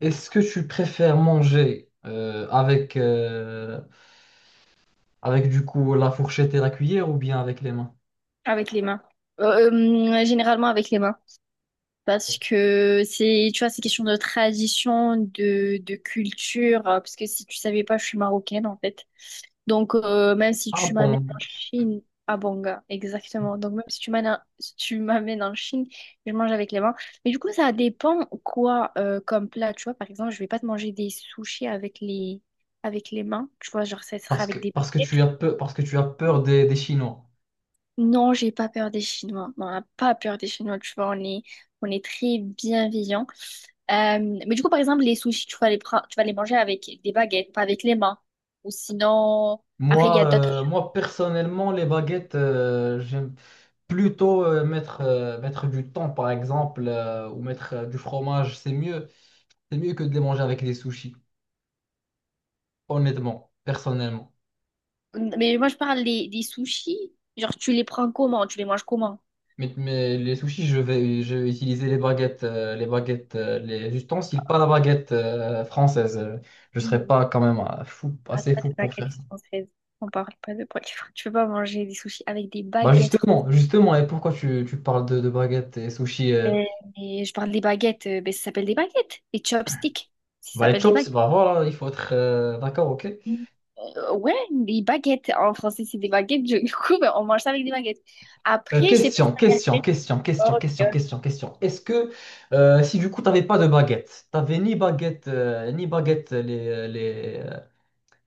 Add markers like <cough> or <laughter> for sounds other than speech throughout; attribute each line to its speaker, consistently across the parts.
Speaker 1: Est-ce que tu préfères manger avec, avec du coup la fourchette et la cuillère ou bien avec les mains?
Speaker 2: Avec les mains. Généralement avec les mains. Parce que c'est, tu vois, c'est question de tradition, de culture. Parce que si tu savais pas, je suis marocaine, en fait. Donc, même si
Speaker 1: Ah
Speaker 2: tu m'amènes en
Speaker 1: bon?
Speaker 2: Chine, à Banga, exactement. Donc, même si tu m'amènes, si tu m'amènes en Chine, je mange avec les mains. Mais du coup, ça dépend quoi comme plat. Tu vois, par exemple, je vais pas te manger des sushis avec avec les mains. Tu vois, genre, ça sera
Speaker 1: Parce que,
Speaker 2: avec des
Speaker 1: parce que
Speaker 2: paillettes.
Speaker 1: tu as peur, parce que tu as peur des Chinois.
Speaker 2: Non, j'ai pas peur des Chinois. Non, on n'a pas peur des Chinois, tu vois, on est très bienveillants. Euh, mais du coup, par exemple, les sushis, tu vas tu vas les manger avec des baguettes, pas avec les mains. Ou sinon, après, il y
Speaker 1: Moi,
Speaker 2: a d'autres.
Speaker 1: moi personnellement, les baguettes, j'aime plutôt mettre, mettre du thon par exemple, ou mettre du fromage. C'est mieux que de les manger avec des sushis, honnêtement, personnellement.
Speaker 2: Mais moi, je parle des sushis. Genre, tu les prends comment? Tu les manges comment?
Speaker 1: Mais les sushis, je vais utiliser les baguettes, les baguettes, les ustensiles, pas la baguette française. Je serais
Speaker 2: Mm.
Speaker 1: pas quand même fou,
Speaker 2: On parle
Speaker 1: assez
Speaker 2: pas
Speaker 1: fou
Speaker 2: de
Speaker 1: pour faire
Speaker 2: baguettes
Speaker 1: ça.
Speaker 2: françaises. On parle pas de baguettes françaises. Tu peux pas manger des sushis avec des
Speaker 1: Bah
Speaker 2: baguettes françaises.
Speaker 1: justement, justement, et pourquoi tu parles de baguettes et sushis?
Speaker 2: Euh, Et je parle des baguettes, ben, ça s'appelle des baguettes. Des chopsticks, ça
Speaker 1: Bah les
Speaker 2: s'appelle des
Speaker 1: chops,
Speaker 2: baguettes.
Speaker 1: bah voilà, il faut être, d'accord, ok.
Speaker 2: Ouais, des baguettes. En français, c'est des baguettes. Je- <laughs> Du coup, ben, on mange ça avec des baguettes. Après, je sais pas si
Speaker 1: Question,
Speaker 2: t'as
Speaker 1: question,
Speaker 2: fait
Speaker 1: question, question,
Speaker 2: sport, tu
Speaker 1: question,
Speaker 2: vois.
Speaker 1: question, question. Est-ce que si du coup t'avais pas de baguette, t'avais ni baguette, ni baguette les, les,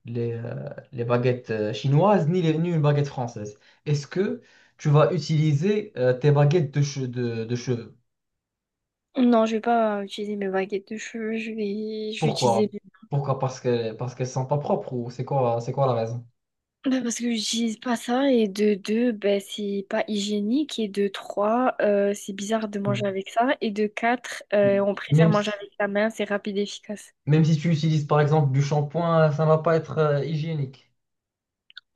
Speaker 1: les, euh, les baguettes chinoises, ni les, ni une baguette française. Est-ce que tu vas utiliser tes baguettes de cheveux?
Speaker 2: Non, je vais pas utiliser mes baguettes de cheveux. Je vais
Speaker 1: Pourquoi?
Speaker 2: utiliser.
Speaker 1: Pourquoi? Parce que, parce qu'elles sont pas propres ou c'est quoi la raison?
Speaker 2: Ben, parce que j'utilise pas ça. Et de deux, ben, c'est pas hygiénique. Et de trois, c'est bizarre de manger avec ça. Et de quatre, on préfère
Speaker 1: Même
Speaker 2: manger
Speaker 1: si,
Speaker 2: avec la main. C'est rapide et efficace.
Speaker 1: même si tu utilises par exemple du shampoing, ça va pas être hygiénique.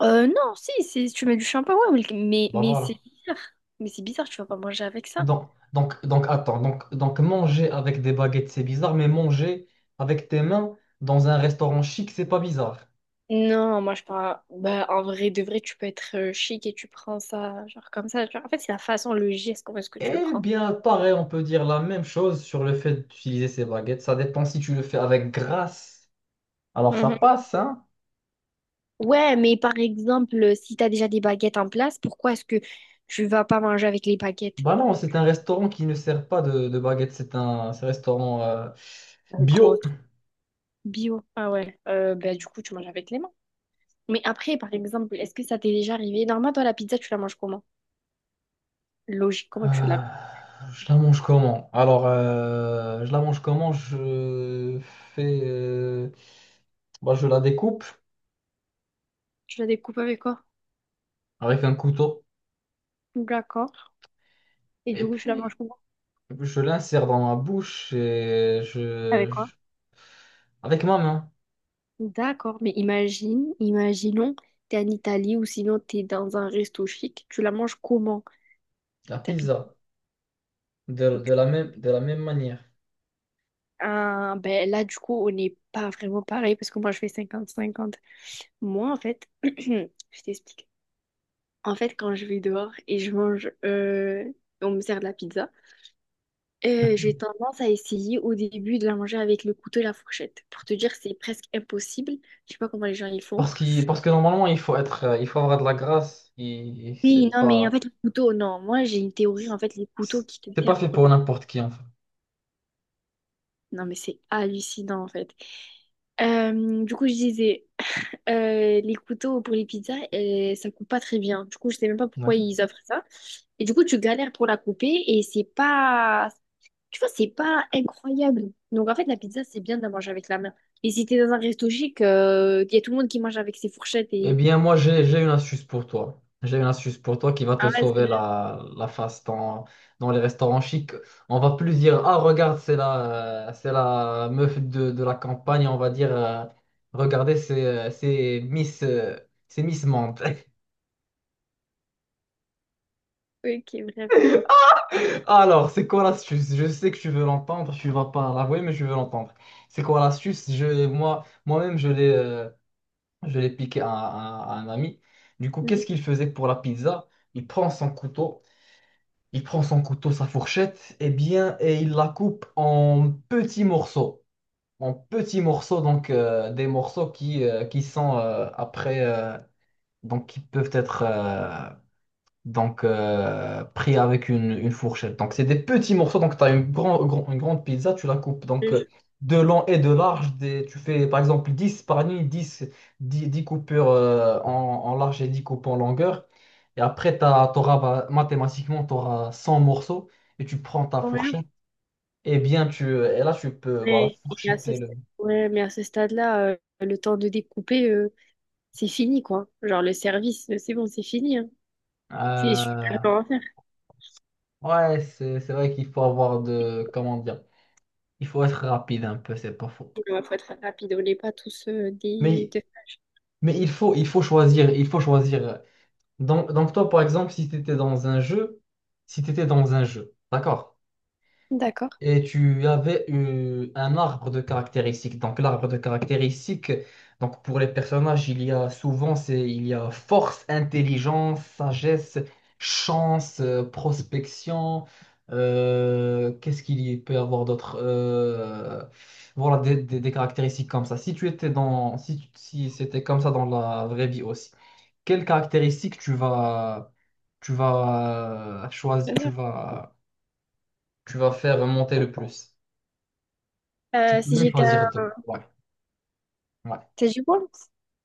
Speaker 2: Non, si, c'est, tu mets du shampoing, ouais,
Speaker 1: Bah
Speaker 2: mais c'est
Speaker 1: voilà.
Speaker 2: bizarre. Mais c'est bizarre, tu vas pas manger avec ça.
Speaker 1: Donc, attends, donc manger avec des baguettes, c'est bizarre, mais manger avec tes mains dans un restaurant chic, c'est pas bizarre.
Speaker 2: Non, moi je parle. Bah, en vrai, de vrai, tu peux être chic et tu prends ça, genre comme ça, tu vois. En fait, c'est la façon, le geste, comment est-ce que tu le
Speaker 1: Eh
Speaker 2: prends.
Speaker 1: bien, pareil, on peut dire la même chose sur le fait d'utiliser ces baguettes. Ça dépend si tu le fais avec grâce. Alors ça
Speaker 2: Mhm.
Speaker 1: passe, hein?
Speaker 2: Ouais, mais par exemple, si t'as déjà des baguettes en place, pourquoi est-ce que tu vas pas manger avec les baguettes?
Speaker 1: Bah non, c'est un restaurant qui ne sert pas de baguettes. C'est un restaurant
Speaker 2: Entre
Speaker 1: bio.
Speaker 2: autres. Bio. Ah ouais. Bah, du coup, tu manges avec les mains. Mais après, par exemple, est-ce que ça t'est déjà arrivé? Normalement, toi, la pizza, tu la manges comment? Logique, comment tu
Speaker 1: Euh,
Speaker 2: la…
Speaker 1: je la mange comment? Alors, je la mange comment? Je fais, bah, je la découpe
Speaker 2: Tu la découpes avec quoi?
Speaker 1: avec un couteau
Speaker 2: D'accord. Et du
Speaker 1: et
Speaker 2: coup, tu la manges
Speaker 1: puis
Speaker 2: comment?
Speaker 1: je l'insère dans ma bouche et
Speaker 2: Avec quoi?
Speaker 1: avec ma main,
Speaker 2: D'accord, mais imaginons, t'es en Italie ou sinon t'es dans un resto chic, tu la manges comment?
Speaker 1: la
Speaker 2: T'habites…
Speaker 1: pizza. De la même manière.
Speaker 2: Ah, ben là, du coup, on n'est pas vraiment pareil parce que moi, je fais cinquante cinquante. Moi, en fait, <clears throat> je t'explique. En fait, quand je vais dehors et je mange, on me sert de la pizza, j'ai
Speaker 1: <laughs>
Speaker 2: tendance à essayer au début de la manger avec le couteau et la fourchette. Pour te dire, c'est presque impossible. Je sais pas comment les gens y font.
Speaker 1: Parce que normalement, il faut être, il faut avoir de la grâce. Il, il-
Speaker 2: Oui,
Speaker 1: c'est
Speaker 2: non, mais en
Speaker 1: pas,
Speaker 2: fait, le couteau, non. Moi, j'ai une théorie, en fait, les couteaux qui te
Speaker 1: c'est pas
Speaker 2: servent
Speaker 1: fait
Speaker 2: pour
Speaker 1: pour n'importe qui, en fait.
Speaker 2: non, mais c'est hallucinant en fait. Du coup, je disais, <laughs> les couteaux pour les pizzas, ça coupe pas très bien. Du coup, je sais même pas pourquoi
Speaker 1: Ouais.
Speaker 2: ils offrent ça. Et du coup, tu galères pour la couper et c'est pas, tu vois, c'est pas incroyable. Donc, en fait, la pizza, c'est bien de la manger avec la main. Et si t'es dans un resto chic, il y a tout le monde qui mange avec ses fourchettes
Speaker 1: Eh
Speaker 2: et…
Speaker 1: bien, moi, j'ai une astuce pour toi. J'ai une astuce pour toi qui va te
Speaker 2: Ah ouais, c'est…
Speaker 1: sauver la face dans les restaurants chics. On va plus dire, ah, regarde, c'est la meuf de la campagne. On va dire, regardez, c'est Miss, c'est Miss Mante. <laughs>
Speaker 2: Ok, bref, du coup,
Speaker 1: Alors, c'est quoi l'astuce? Je sais que tu veux l'entendre, tu vas pas l'avouer, mais je veux l'entendre. C'est quoi l'astuce? Moi, moi-même, je l'ai piqué à un ami. Du coup,
Speaker 2: mhm.
Speaker 1: qu'est-ce qu'il faisait pour la pizza? Il prend son couteau, il prend son couteau, sa fourchette, et bien, et il la coupe en petits morceaux, donc des morceaux qui sont après, donc qui peuvent être pris avec une fourchette. Donc c'est des petits morceaux, donc tu as une grande pizza, tu la coupes donc
Speaker 2: Je-
Speaker 1: de long et de large, tu fais par exemple 10 par nuit, dix coupures en large et 10 coupes en longueur. Et après, t'auras, bah, mathématiquement, tu auras 100 morceaux et tu prends ta
Speaker 2: Ouais,
Speaker 1: fourchette. Et bien, et là, tu peux, voilà,
Speaker 2: mais, et à ce
Speaker 1: fourchetter le...
Speaker 2: stade… ouais, mais à ce stade-là, le temps de découper… c'est fini, quoi. Genre, le service, c'est bon, c'est fini, hein. C'est, je peux
Speaker 1: Euh,
Speaker 2: rien en faire.
Speaker 1: ouais, c'est vrai qu'il faut avoir de, comment dire, il faut être rapide un peu, c'est pas faux.
Speaker 2: Il faut être rapide. On n'est pas tous des…
Speaker 1: Mais
Speaker 2: de-
Speaker 1: Mais il faut choisir, il faut choisir. Donc, toi, par exemple, si tu étais dans un jeu, si tu étais dans un jeu, d'accord,
Speaker 2: D'accord.
Speaker 1: et tu avais eu un arbre de caractéristiques. Donc l'arbre de caractéristiques, donc pour les personnages, il y a souvent, c'est, il y a force, intelligence, sagesse, chance, prospection. Qu'est-ce qu'il y peut y avoir d'autre? Voilà, des caractéristiques comme ça. Si tu étais dans, si, si c'était comme ça dans la vraie vie aussi quelles caractéristiques tu vas choisir,
Speaker 2: Très
Speaker 1: tu
Speaker 2: bien.
Speaker 1: vas, tu vas faire monter le plus. Tu peux
Speaker 2: Si
Speaker 1: même
Speaker 2: j'étais
Speaker 1: choisir
Speaker 2: un…
Speaker 1: deux. Ouais, ouais.
Speaker 2: T'as du bois?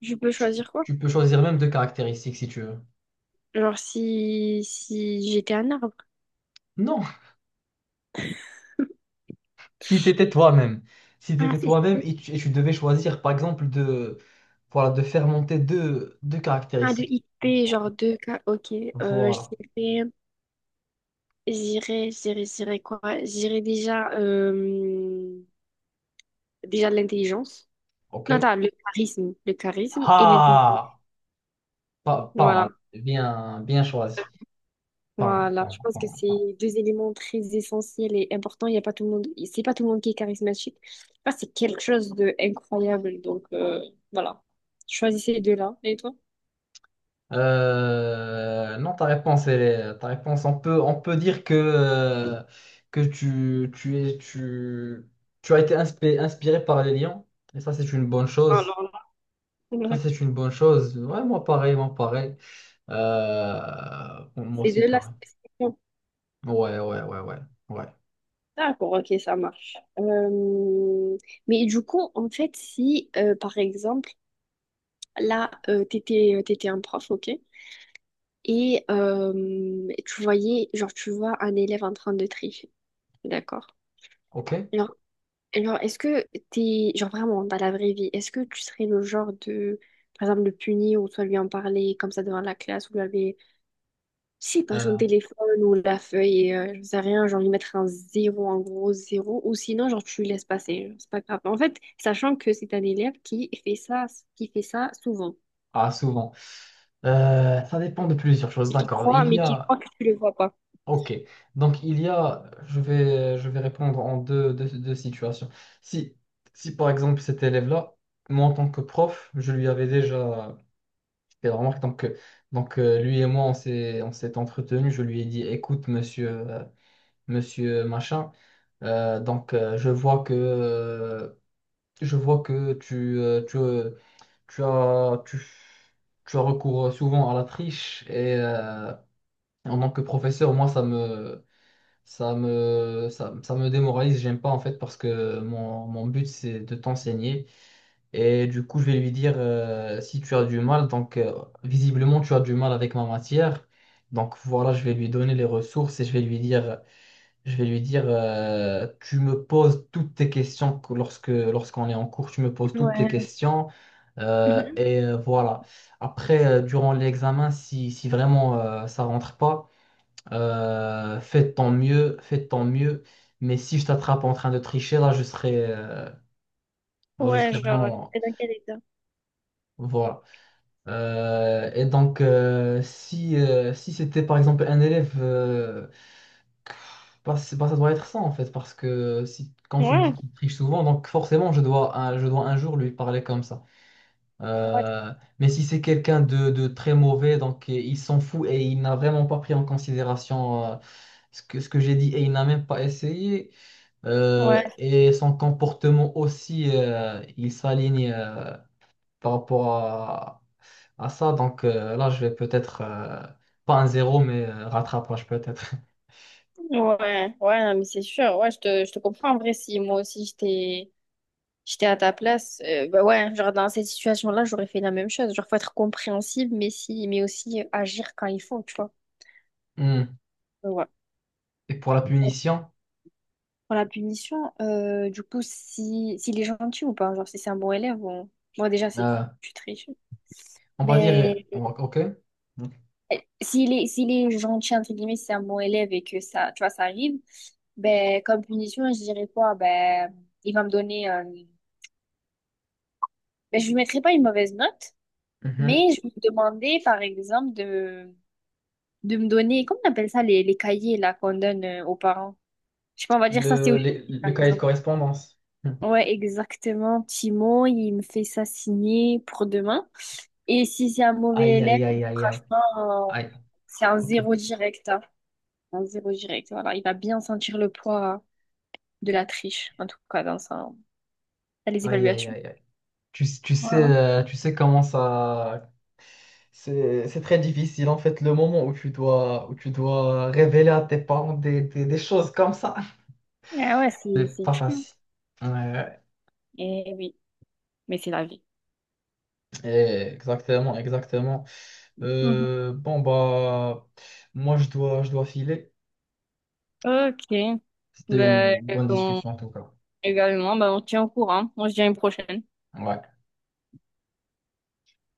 Speaker 2: Je peux
Speaker 1: Tu,
Speaker 2: choisir quoi?
Speaker 1: tu peux choisir même deux caractéristiques si tu veux.
Speaker 2: Genre, si, si j'étais un arbre.
Speaker 1: Non, <laughs> si tu étais toi-même. Si tu
Speaker 2: Ah,
Speaker 1: étais
Speaker 2: c'est
Speaker 1: toi-même et tu devais choisir, par exemple, de, voilà, de faire monter deux
Speaker 2: un de
Speaker 1: caractéristiques.
Speaker 2: IP, genre
Speaker 1: Ouais.
Speaker 2: deux k. Ok. Euh,
Speaker 1: Voilà.
Speaker 2: j'irais, J'irais quoi? J'irais déjà, déjà de l'intelligence. Non,
Speaker 1: OK.
Speaker 2: attends, le charisme. Le charisme et l'intelligence.
Speaker 1: Ah! Pas, pas
Speaker 2: Voilà.
Speaker 1: mal. Bien, bien choisi. Pas mal, pas
Speaker 2: Voilà, je
Speaker 1: mal,
Speaker 2: pense que
Speaker 1: pas mal.
Speaker 2: c'est deux éléments très essentiels et importants. Il y a pas tout le monde, c'est pas tout le monde qui est charismatique. Là, c'est quelque chose de incroyable. Donc voilà, choisissez les deux-là. Et toi?
Speaker 1: Non, ta réponse, on peut dire que tu as été inspiré par les lions. Et ça, c'est une bonne chose.
Speaker 2: Alors là,
Speaker 1: Ça,
Speaker 2: ouais.
Speaker 1: c'est une bonne chose. Ouais, moi, pareil, moi, pareil. Bon, moi
Speaker 2: Ces
Speaker 1: aussi,
Speaker 2: deux-là
Speaker 1: pareil.
Speaker 2: spécifiquement.
Speaker 1: Ouais, ouais, ouais, ouais. Ouais.
Speaker 2: D'accord, ok, ça marche. Mais du coup, en fait, si par exemple, là, t'étais, t'étais un prof, ok, et tu voyais, genre, tu vois un élève en train de tricher, d'accord?
Speaker 1: OK.
Speaker 2: Genre, et genre, est-ce que t'es, genre vraiment, dans la vraie vie, est-ce que tu serais le genre de, par exemple, le punir ou soit lui en parler comme ça devant la classe ou lui avait, je sais pas,
Speaker 1: Euh,
Speaker 2: son téléphone ou la feuille, je sais rien, genre lui mettre un zéro, en gros zéro, ou sinon, genre, tu lui laisses passer, genre, c'est pas grave. En fait, sachant que c'est un élève qui fait ça souvent,
Speaker 1: ah, souvent. Ça dépend de plusieurs choses,
Speaker 2: et qui
Speaker 1: d'accord.
Speaker 2: croit,
Speaker 1: Il y
Speaker 2: mais qui
Speaker 1: a,
Speaker 2: croit que tu le vois pas.
Speaker 1: Ok, donc il y a, je vais répondre en deux situations. Si, si par exemple cet élève-là, moi en tant que prof, je lui avais déjà fait la remarque, donc, lui et moi on s'est entretenu, je lui ai dit, écoute monsieur, monsieur machin, euh, donc euh, je vois que, euh, je vois que tu as, tu, tu as recours souvent à la triche et en tant que professeur, moi ça me démoralise, j'aime pas en fait parce que mon but c'est de t'enseigner et du coup je vais lui dire si tu as du mal, visiblement tu as du mal avec ma matière, donc voilà je vais lui donner les ressources et je vais lui dire tu me poses toutes tes questions lorsque, lorsqu'on est en cours, tu me poses toutes tes questions voilà. Après durant l'examen si vraiment ça rentre pas, fais de ton mieux, fais de ton mieux. Mais si je t'attrape en train de tricher, là, je serai vraiment. Voilà. Et donc, si c'était par exemple un élève, bah, bah, ça doit être ça en fait, parce que si, quand tu me dis
Speaker 2: Ouais,
Speaker 1: qu'il triche souvent, donc forcément, je dois un jour lui parler comme ça.
Speaker 2: ouais,
Speaker 1: Euh, mais si c'est quelqu'un de très mauvais, donc et il s'en fout et il n'a vraiment pas pris en considération ce que j'ai dit et il n'a même pas essayé.
Speaker 2: ouais,
Speaker 1: Et son comportement aussi, il s'aligne par rapport à ça. Donc là, je vais peut-être, pas un zéro, mais rattrapage peut-être. <laughs>
Speaker 2: ouais, ouais, non, mais c'est sûr. Ouais, je te comprends. En vrai, si moi aussi j'étais j'étais à ta place. Bah ouais, genre dans cette situation-là, j'aurais fait la même chose. Genre, faut être compréhensible, mais si, mais aussi agir quand il faut, tu vois.
Speaker 1: Hmm.
Speaker 2: Ouais.
Speaker 1: Et pour la punition,
Speaker 2: Pour la punition, du coup, si, s'il est gentil ou pas, genre si c'est un bon élève, bon, moi déjà, c'est
Speaker 1: euh,
Speaker 2: tu triches.
Speaker 1: on va
Speaker 2: Ben,
Speaker 1: dire, on va- OK.
Speaker 2: s'il est gentil, entre guillemets, si c'est un bon élève et que ça, tu vois, ça arrive, ben, comme punition, je dirais quoi? Ben, il va me donner, ben, je lui mettrai pas une mauvaise note,
Speaker 1: Mhm.
Speaker 2: mais je vais lui demander, par exemple, de me donner, comment on appelle ça, les cahiers là qu'on donne aux parents? Je sais pas, on va dire ça, c'est au lycée,
Speaker 1: Le
Speaker 2: par
Speaker 1: cahier de
Speaker 2: exemple.
Speaker 1: correspondance. Hmm.
Speaker 2: Ouais, exactement. Timon, il me fait ça signer pour demain. Et si c'est un mauvais
Speaker 1: Aïe,
Speaker 2: élève,
Speaker 1: aïe, aïe, aïe, aïe.
Speaker 2: franchement,
Speaker 1: Aïe,
Speaker 2: c'est un
Speaker 1: OK.
Speaker 2: zéro direct, hein. Un zéro direct, voilà. Il va bien sentir le poids de la triche, en tout cas, dans sa- dans les
Speaker 1: Aïe, aïe,
Speaker 2: évaluations.
Speaker 1: aïe, aïe. Tu sais,
Speaker 2: Voilà.
Speaker 1: tu sais comment ça... C'est très difficile en fait le moment où tu dois révéler à tes parents des choses comme ça.
Speaker 2: Ah ouais,
Speaker 1: C'est
Speaker 2: c'est
Speaker 1: pas
Speaker 2: dur.
Speaker 1: facile. Ouais,
Speaker 2: Eh oui, mais c'est la vie.
Speaker 1: exactement, exactement.
Speaker 2: Mhm.
Speaker 1: Bon bah moi je dois filer.
Speaker 2: Ok.
Speaker 1: C'était
Speaker 2: Ben,
Speaker 1: une bonne
Speaker 2: on-
Speaker 1: discussion en tout cas.
Speaker 2: également, ben, on tient au courant. On se dit à une prochaine.
Speaker 1: Ouais.